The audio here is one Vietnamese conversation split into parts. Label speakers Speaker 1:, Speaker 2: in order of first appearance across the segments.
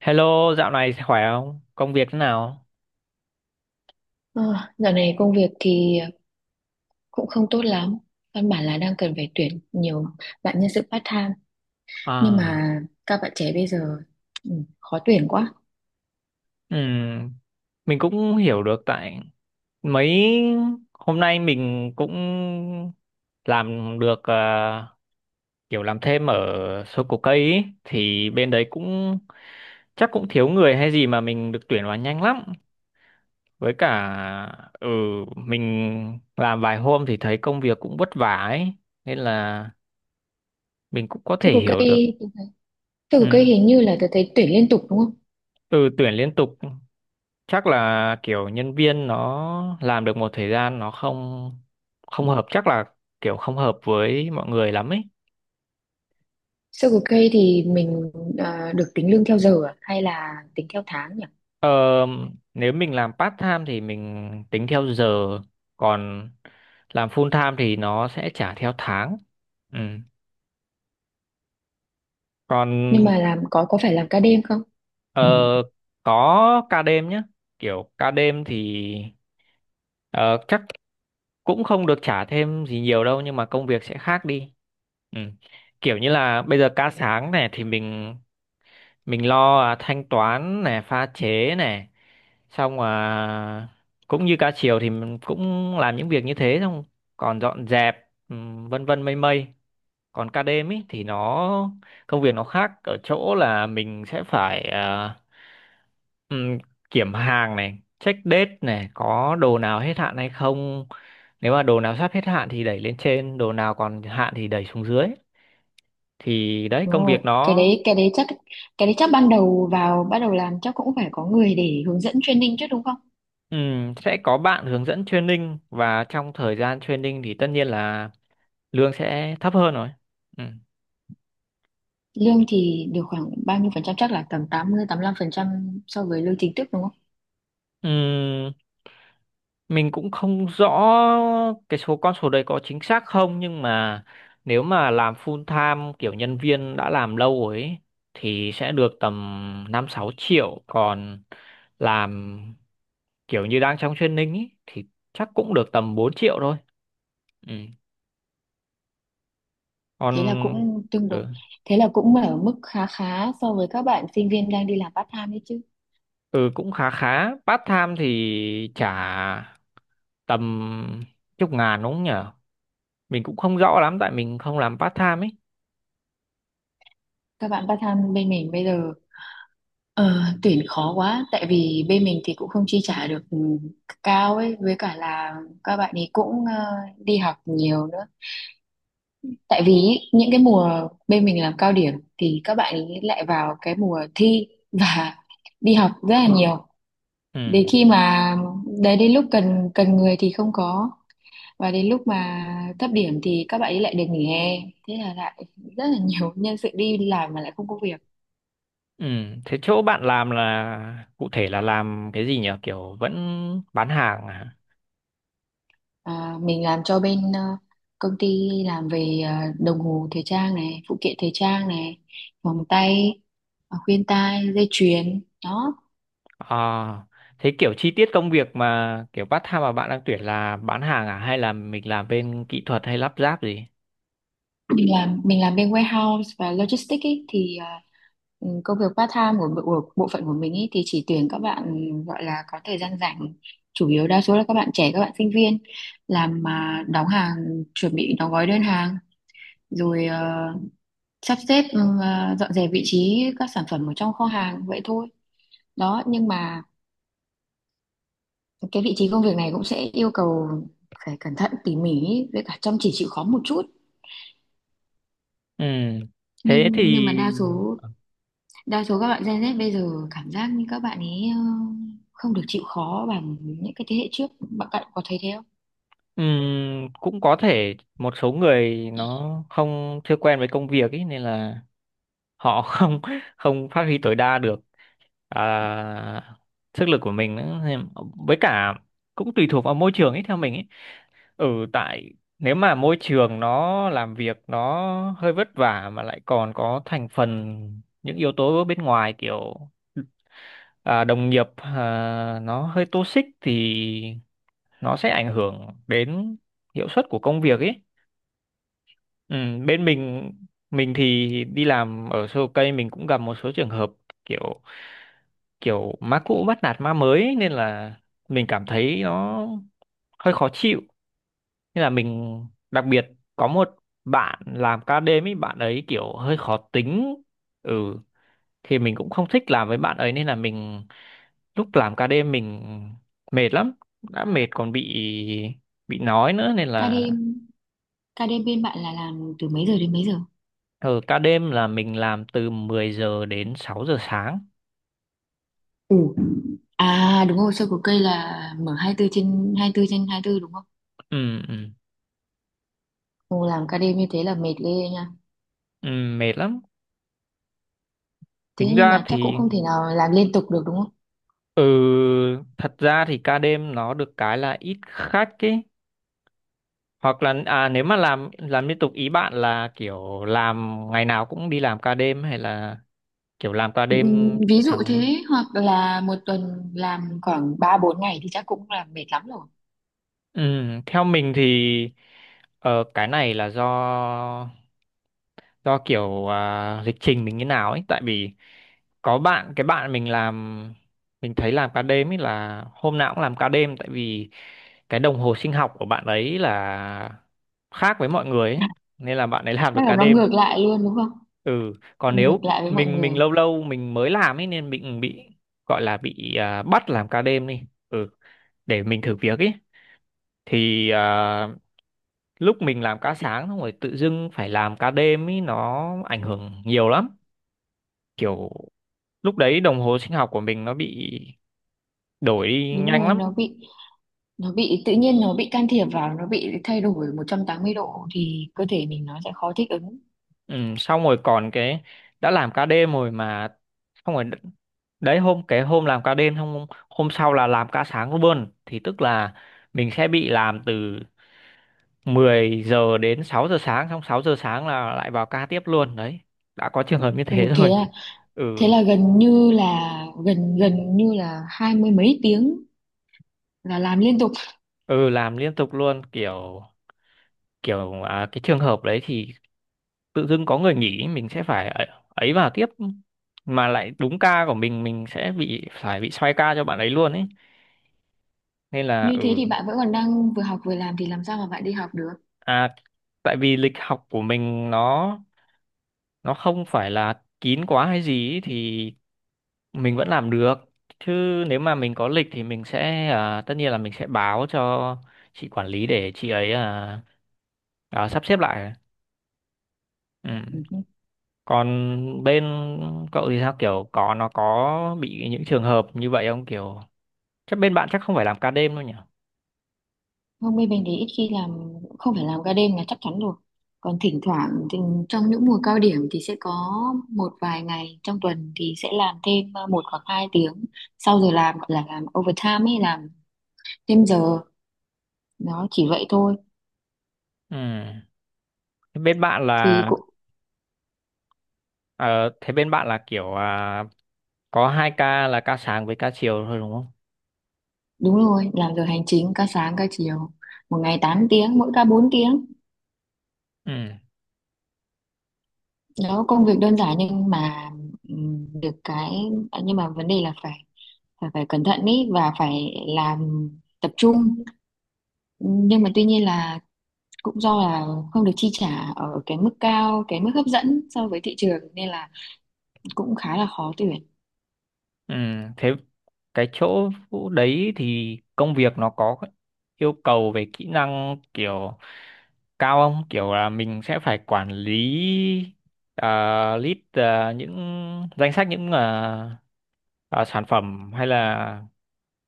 Speaker 1: Hello, dạo này khỏe không? Công việc thế nào?
Speaker 2: Ờ, Dạo này công việc thì cũng không tốt lắm. Căn bản là đang cần phải tuyển nhiều bạn nhân sự part-time. Nhưng
Speaker 1: À,
Speaker 2: mà các bạn trẻ bây giờ ừ, khó tuyển quá.
Speaker 1: ừm, mình cũng hiểu được tại mấy hôm nay mình cũng làm được kiểu làm thêm ở số cổ cây ý. Thì bên đấy cũng chắc cũng thiếu người hay gì mà mình được tuyển vào nhanh lắm. Với cả ừ mình làm vài hôm thì thấy công việc cũng vất vả ấy nên là mình cũng có thể
Speaker 2: Circle K,
Speaker 1: hiểu được.
Speaker 2: Circle
Speaker 1: Ừ,
Speaker 2: Cây hình như là tôi thấy tuyển liên tục đúng không?
Speaker 1: ừ, tuyển liên tục chắc là kiểu nhân viên nó làm được một thời gian nó không không hợp, chắc là kiểu không hợp với mọi người lắm ấy.
Speaker 2: Circle Cây thì mình được tính lương theo giờ à? Hay là tính theo tháng nhỉ?
Speaker 1: ờ, Nếu mình làm part time thì mình tính theo giờ, còn làm full time thì nó sẽ trả theo tháng. Ừ. Còn
Speaker 2: Nhưng mà làm có phải làm ca đêm không?
Speaker 1: ờ, có ca đêm nhá, kiểu ca đêm thì ờ, chắc cũng không được trả thêm gì nhiều đâu nhưng mà công việc sẽ khác đi. Ừ. Kiểu như là bây giờ ca sáng này thì mình lo thanh toán này pha chế này, xong cũng như ca chiều thì mình cũng làm những việc như thế, xong còn dọn dẹp, ừ, vân vân mây mây. Còn ca đêm ý thì nó công việc nó khác ở chỗ là mình sẽ phải ừm, kiểm hàng này check date này có đồ nào hết hạn hay không. Nếu mà đồ nào sắp hết hạn thì đẩy lên trên, đồ nào còn hạn thì đẩy xuống dưới, thì đấy
Speaker 2: Đúng
Speaker 1: công
Speaker 2: rồi,
Speaker 1: việc
Speaker 2: cái
Speaker 1: nó...
Speaker 2: đấy cái đấy chắc cái đấy chắc ban đầu vào bắt đầu làm chắc cũng phải có người để hướng dẫn training chứ đúng không?
Speaker 1: Sẽ có bạn hướng dẫn training và trong thời gian training thì tất nhiên là lương sẽ thấp hơn rồi. Ừ.
Speaker 2: Lương thì được khoảng bao nhiêu phần trăm, chắc là tầm 80 lăm phần trăm so với lương chính thức đúng không?
Speaker 1: Ừm, mình cũng không rõ cái số con số đấy có chính xác không, nhưng mà nếu mà làm full time kiểu nhân viên đã làm lâu rồi ấy, thì sẽ được tầm 5-6 triệu. Còn làm kiểu như đang trong training ấy, thì chắc cũng được tầm 4 triệu thôi. Ừ. Còn
Speaker 2: Thế là cũng tương đối.
Speaker 1: ừ,
Speaker 2: Thế là cũng ở mức khá khá so với các bạn sinh viên đang đi làm part time đấy chứ.
Speaker 1: ừ, cũng khá khá, part time thì trả tầm chục ngàn đúng không nhỉ? Mình cũng không rõ lắm tại mình không làm part time ấy.
Speaker 2: Các bạn part time bên mình bây giờ ờ, tuyển khó quá, tại vì bên mình thì cũng không chi trả được cao ấy, với cả là các bạn ấy cũng đi học nhiều nữa. Tại vì ý, những cái mùa bên mình làm cao điểm thì các bạn ấy lại vào cái mùa thi và đi học rất là nhiều.
Speaker 1: Ừ,
Speaker 2: Đến khi mà đấy, đến lúc cần cần người thì không có, và đến lúc mà thấp điểm thì các bạn ấy lại được nghỉ hè, thế là lại rất là nhiều nhân sự đi làm mà lại không có việc.
Speaker 1: ừ, thế chỗ bạn làm là cụ thể là làm cái gì nhỉ, kiểu vẫn bán hàng à?
Speaker 2: À, mình làm cho bên công ty làm về đồng hồ thời trang này, phụ kiện thời trang này, vòng tay, khuyên tai, dây chuyền, đó.
Speaker 1: À, thế kiểu chi tiết công việc mà kiểu part time mà bạn đang tuyển là bán hàng à hay là mình làm bên kỹ thuật hay lắp ráp gì?
Speaker 2: Mình làm bên warehouse và logistics ý, thì công việc part time của bộ phận của mình ý, thì chỉ tuyển các bạn gọi là có thời gian rảnh, chủ yếu đa số là các bạn trẻ, các bạn sinh viên, làm mà đóng hàng, chuẩn bị đóng gói đơn hàng, rồi sắp xếp, dọn dẹp vị trí các sản phẩm ở trong kho hàng vậy thôi. Đó, nhưng mà cái vị trí công việc này cũng sẽ yêu cầu phải cẩn thận tỉ mỉ ý, với cả chăm chỉ chịu khó một chút.
Speaker 1: Ừ, thế
Speaker 2: Nhưng mà
Speaker 1: thì
Speaker 2: đa số các bạn Gen Z bây giờ cảm giác như các bạn ấy không được chịu khó bằng những cái thế hệ trước. Bạn bạn có thấy thế không?
Speaker 1: cũng có thể một số người nó không chưa quen với công việc ấy nên là họ không không phát huy tối đa được à, sức lực của mình nữa. Với cả cũng tùy thuộc vào môi trường ấy theo mình ấy. Ừ, tại nếu mà môi trường nó làm việc nó hơi vất vả mà lại còn có thành phần những yếu tố bên ngoài, kiểu đồng nghiệp nó hơi toxic thì nó sẽ ảnh hưởng đến hiệu suất của công việc ấy. Ừ, bên mình thì đi làm ở Sô Cây mình cũng gặp một số trường hợp, kiểu kiểu má cũ bắt nạt má mới ấy, nên là mình cảm thấy nó hơi khó chịu, nên là mình đặc biệt có một bạn làm ca đêm ấy bạn ấy kiểu hơi khó tính. Ừ, thì mình cũng không thích làm với bạn ấy nên là mình lúc làm ca đêm mình mệt lắm, đã mệt còn bị nói nữa nên
Speaker 2: Ca
Speaker 1: là...
Speaker 2: KD bên bạn là làm từ mấy giờ đến mấy giờ?
Speaker 1: Ở ca đêm là mình làm từ 10 giờ đến 6 giờ sáng.
Speaker 2: ủ À đúng rồi, sơ của cây là mở 24/24 trên 24 đúng không?
Speaker 1: Ừ, ừ,
Speaker 2: Ồ, làm ca đêm như thế là mệt ghê nha.
Speaker 1: ừ, mệt lắm.
Speaker 2: Thế
Speaker 1: Tính
Speaker 2: nhưng
Speaker 1: ra
Speaker 2: mà chắc cũng
Speaker 1: thì
Speaker 2: không thể nào làm liên tục được đúng không?
Speaker 1: ừ, thật ra thì ca đêm nó được cái là ít khách ấy. Hoặc là nếu mà làm liên tục ý bạn là kiểu làm ngày nào cũng đi làm ca đêm hay là kiểu làm ca đêm
Speaker 2: Ví dụ
Speaker 1: thẳng?
Speaker 2: thế, hoặc là một tuần làm khoảng 3 4 ngày thì chắc cũng là mệt lắm rồi.
Speaker 1: Ừ, theo mình thì ờ, cái này là do kiểu lịch trình mình như nào ấy, tại vì có bạn cái bạn mình làm mình thấy làm ca đêm ấy là hôm nào cũng làm ca đêm, tại vì cái đồng hồ sinh học của bạn ấy là khác với mọi người ấy nên là bạn ấy làm được
Speaker 2: Chắc là
Speaker 1: ca
Speaker 2: nó
Speaker 1: đêm.
Speaker 2: ngược lại luôn đúng không?
Speaker 1: Ừ, còn
Speaker 2: Ngược
Speaker 1: nếu
Speaker 2: lại với mọi
Speaker 1: mình
Speaker 2: người.
Speaker 1: mình lâu lâu mình mới làm ấy nên mình bị gọi là bị bắt làm ca đêm đi ừ để mình thử việc ấy, thì lúc mình làm ca sáng xong rồi tự dưng phải làm ca đêm ý nó ảnh hưởng nhiều lắm, kiểu lúc đấy đồng hồ sinh học của mình nó bị đổi đi
Speaker 2: Đúng
Speaker 1: nhanh
Speaker 2: rồi,
Speaker 1: lắm.
Speaker 2: nó bị tự nhiên nó bị can thiệp vào, nó bị thay đổi 180 độ thì cơ thể mình nó sẽ khó thích ứng.
Speaker 1: Ừ, xong rồi còn cái đã làm ca đêm rồi mà xong rồi đấy, cái hôm làm ca đêm xong hôm sau là làm ca sáng luôn thì tức là mình sẽ bị làm từ 10 giờ đến 6 giờ sáng, xong 6 giờ sáng là lại vào ca tiếp luôn đấy, đã có trường hợp như
Speaker 2: Ồ,
Speaker 1: thế
Speaker 2: thế
Speaker 1: rồi.
Speaker 2: là
Speaker 1: Ừ,
Speaker 2: thế là gần như là, gần gần như là hai mươi mấy tiếng là làm liên tục.
Speaker 1: ừ, làm liên tục luôn, kiểu kiểu à, cái trường hợp đấy thì tự dưng có người nghỉ mình sẽ phải ấy vào tiếp mà lại đúng ca của mình sẽ bị phải bị xoay ca cho bạn ấy luôn ấy, nên là
Speaker 2: Như thế
Speaker 1: ừ.
Speaker 2: thì bạn vẫn còn đang vừa học vừa làm thì làm sao mà bạn đi học được?
Speaker 1: à Tại vì lịch học của mình nó không phải là kín quá hay gì ấy, thì mình vẫn làm được, chứ nếu mà mình có lịch thì mình sẽ tất nhiên là mình sẽ báo cho chị quản lý để chị ấy sắp xếp lại. Ừ.
Speaker 2: Ừ. Ừ.
Speaker 1: Còn bên cậu thì sao, kiểu nó có bị những trường hợp như vậy không, kiểu chắc bên bạn chắc không phải làm ca đêm đâu nhỉ?
Speaker 2: Hôm nay mình thì ít khi làm, không phải làm ca đêm là chắc chắn rồi, còn thỉnh thoảng thì trong những mùa cao điểm thì sẽ có một vài ngày trong tuần thì sẽ làm thêm 1 hoặc 2 tiếng sau giờ làm, gọi là làm overtime ấy, làm thêm giờ, đó chỉ vậy thôi.
Speaker 1: Ừ. Thế Bên bạn
Speaker 2: Thì
Speaker 1: là
Speaker 2: cũng
Speaker 1: ờ, Thế bên bạn là kiểu có hai ca là ca sáng với ca chiều thôi đúng không?
Speaker 2: đúng rồi, làm giờ hành chính, ca sáng ca chiều, một ngày 8 tiếng, mỗi ca 4 tiếng.
Speaker 1: Ừ.
Speaker 2: Đó, công việc đơn giản nhưng mà được cái, nhưng mà vấn đề là phải phải phải cẩn thận ý và phải làm tập trung. Nhưng mà tuy nhiên là cũng do là không được chi trả ở cái mức cao, cái mức hấp dẫn so với thị trường, nên là cũng khá là khó tuyển.
Speaker 1: Ừ. Thế cái chỗ Vũ đấy thì công việc nó có yêu cầu về kỹ năng kiểu cao không, kiểu là mình sẽ phải quản lý những danh sách những ờ, sản phẩm hay là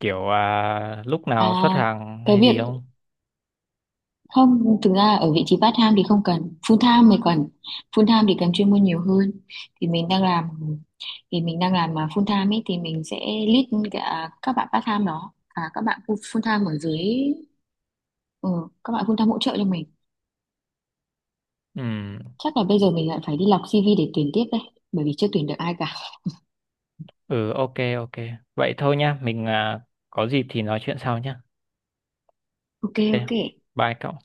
Speaker 1: kiểu lúc
Speaker 2: à
Speaker 1: nào xuất hàng
Speaker 2: cái
Speaker 1: hay
Speaker 2: việc,
Speaker 1: gì không?
Speaker 2: không, thực ra ở vị trí part time thì không cần, full time mới cần. Full time thì cần chuyên môn nhiều hơn. Thì mình đang làm thì mình đang làm à, full time ấy thì mình sẽ lead cả các bạn part time, đó, các bạn full full time ở dưới. ừ, các bạn full time hỗ trợ cho mình.
Speaker 1: Ừ,
Speaker 2: Chắc là bây giờ mình lại phải đi lọc CV để tuyển tiếp đây, bởi vì chưa tuyển được ai cả.
Speaker 1: ừ, ok, ok, vậy thôi nhá, mình có dịp thì nói chuyện sau nhá.
Speaker 2: Ok, ok.
Speaker 1: Ok, bye cậu.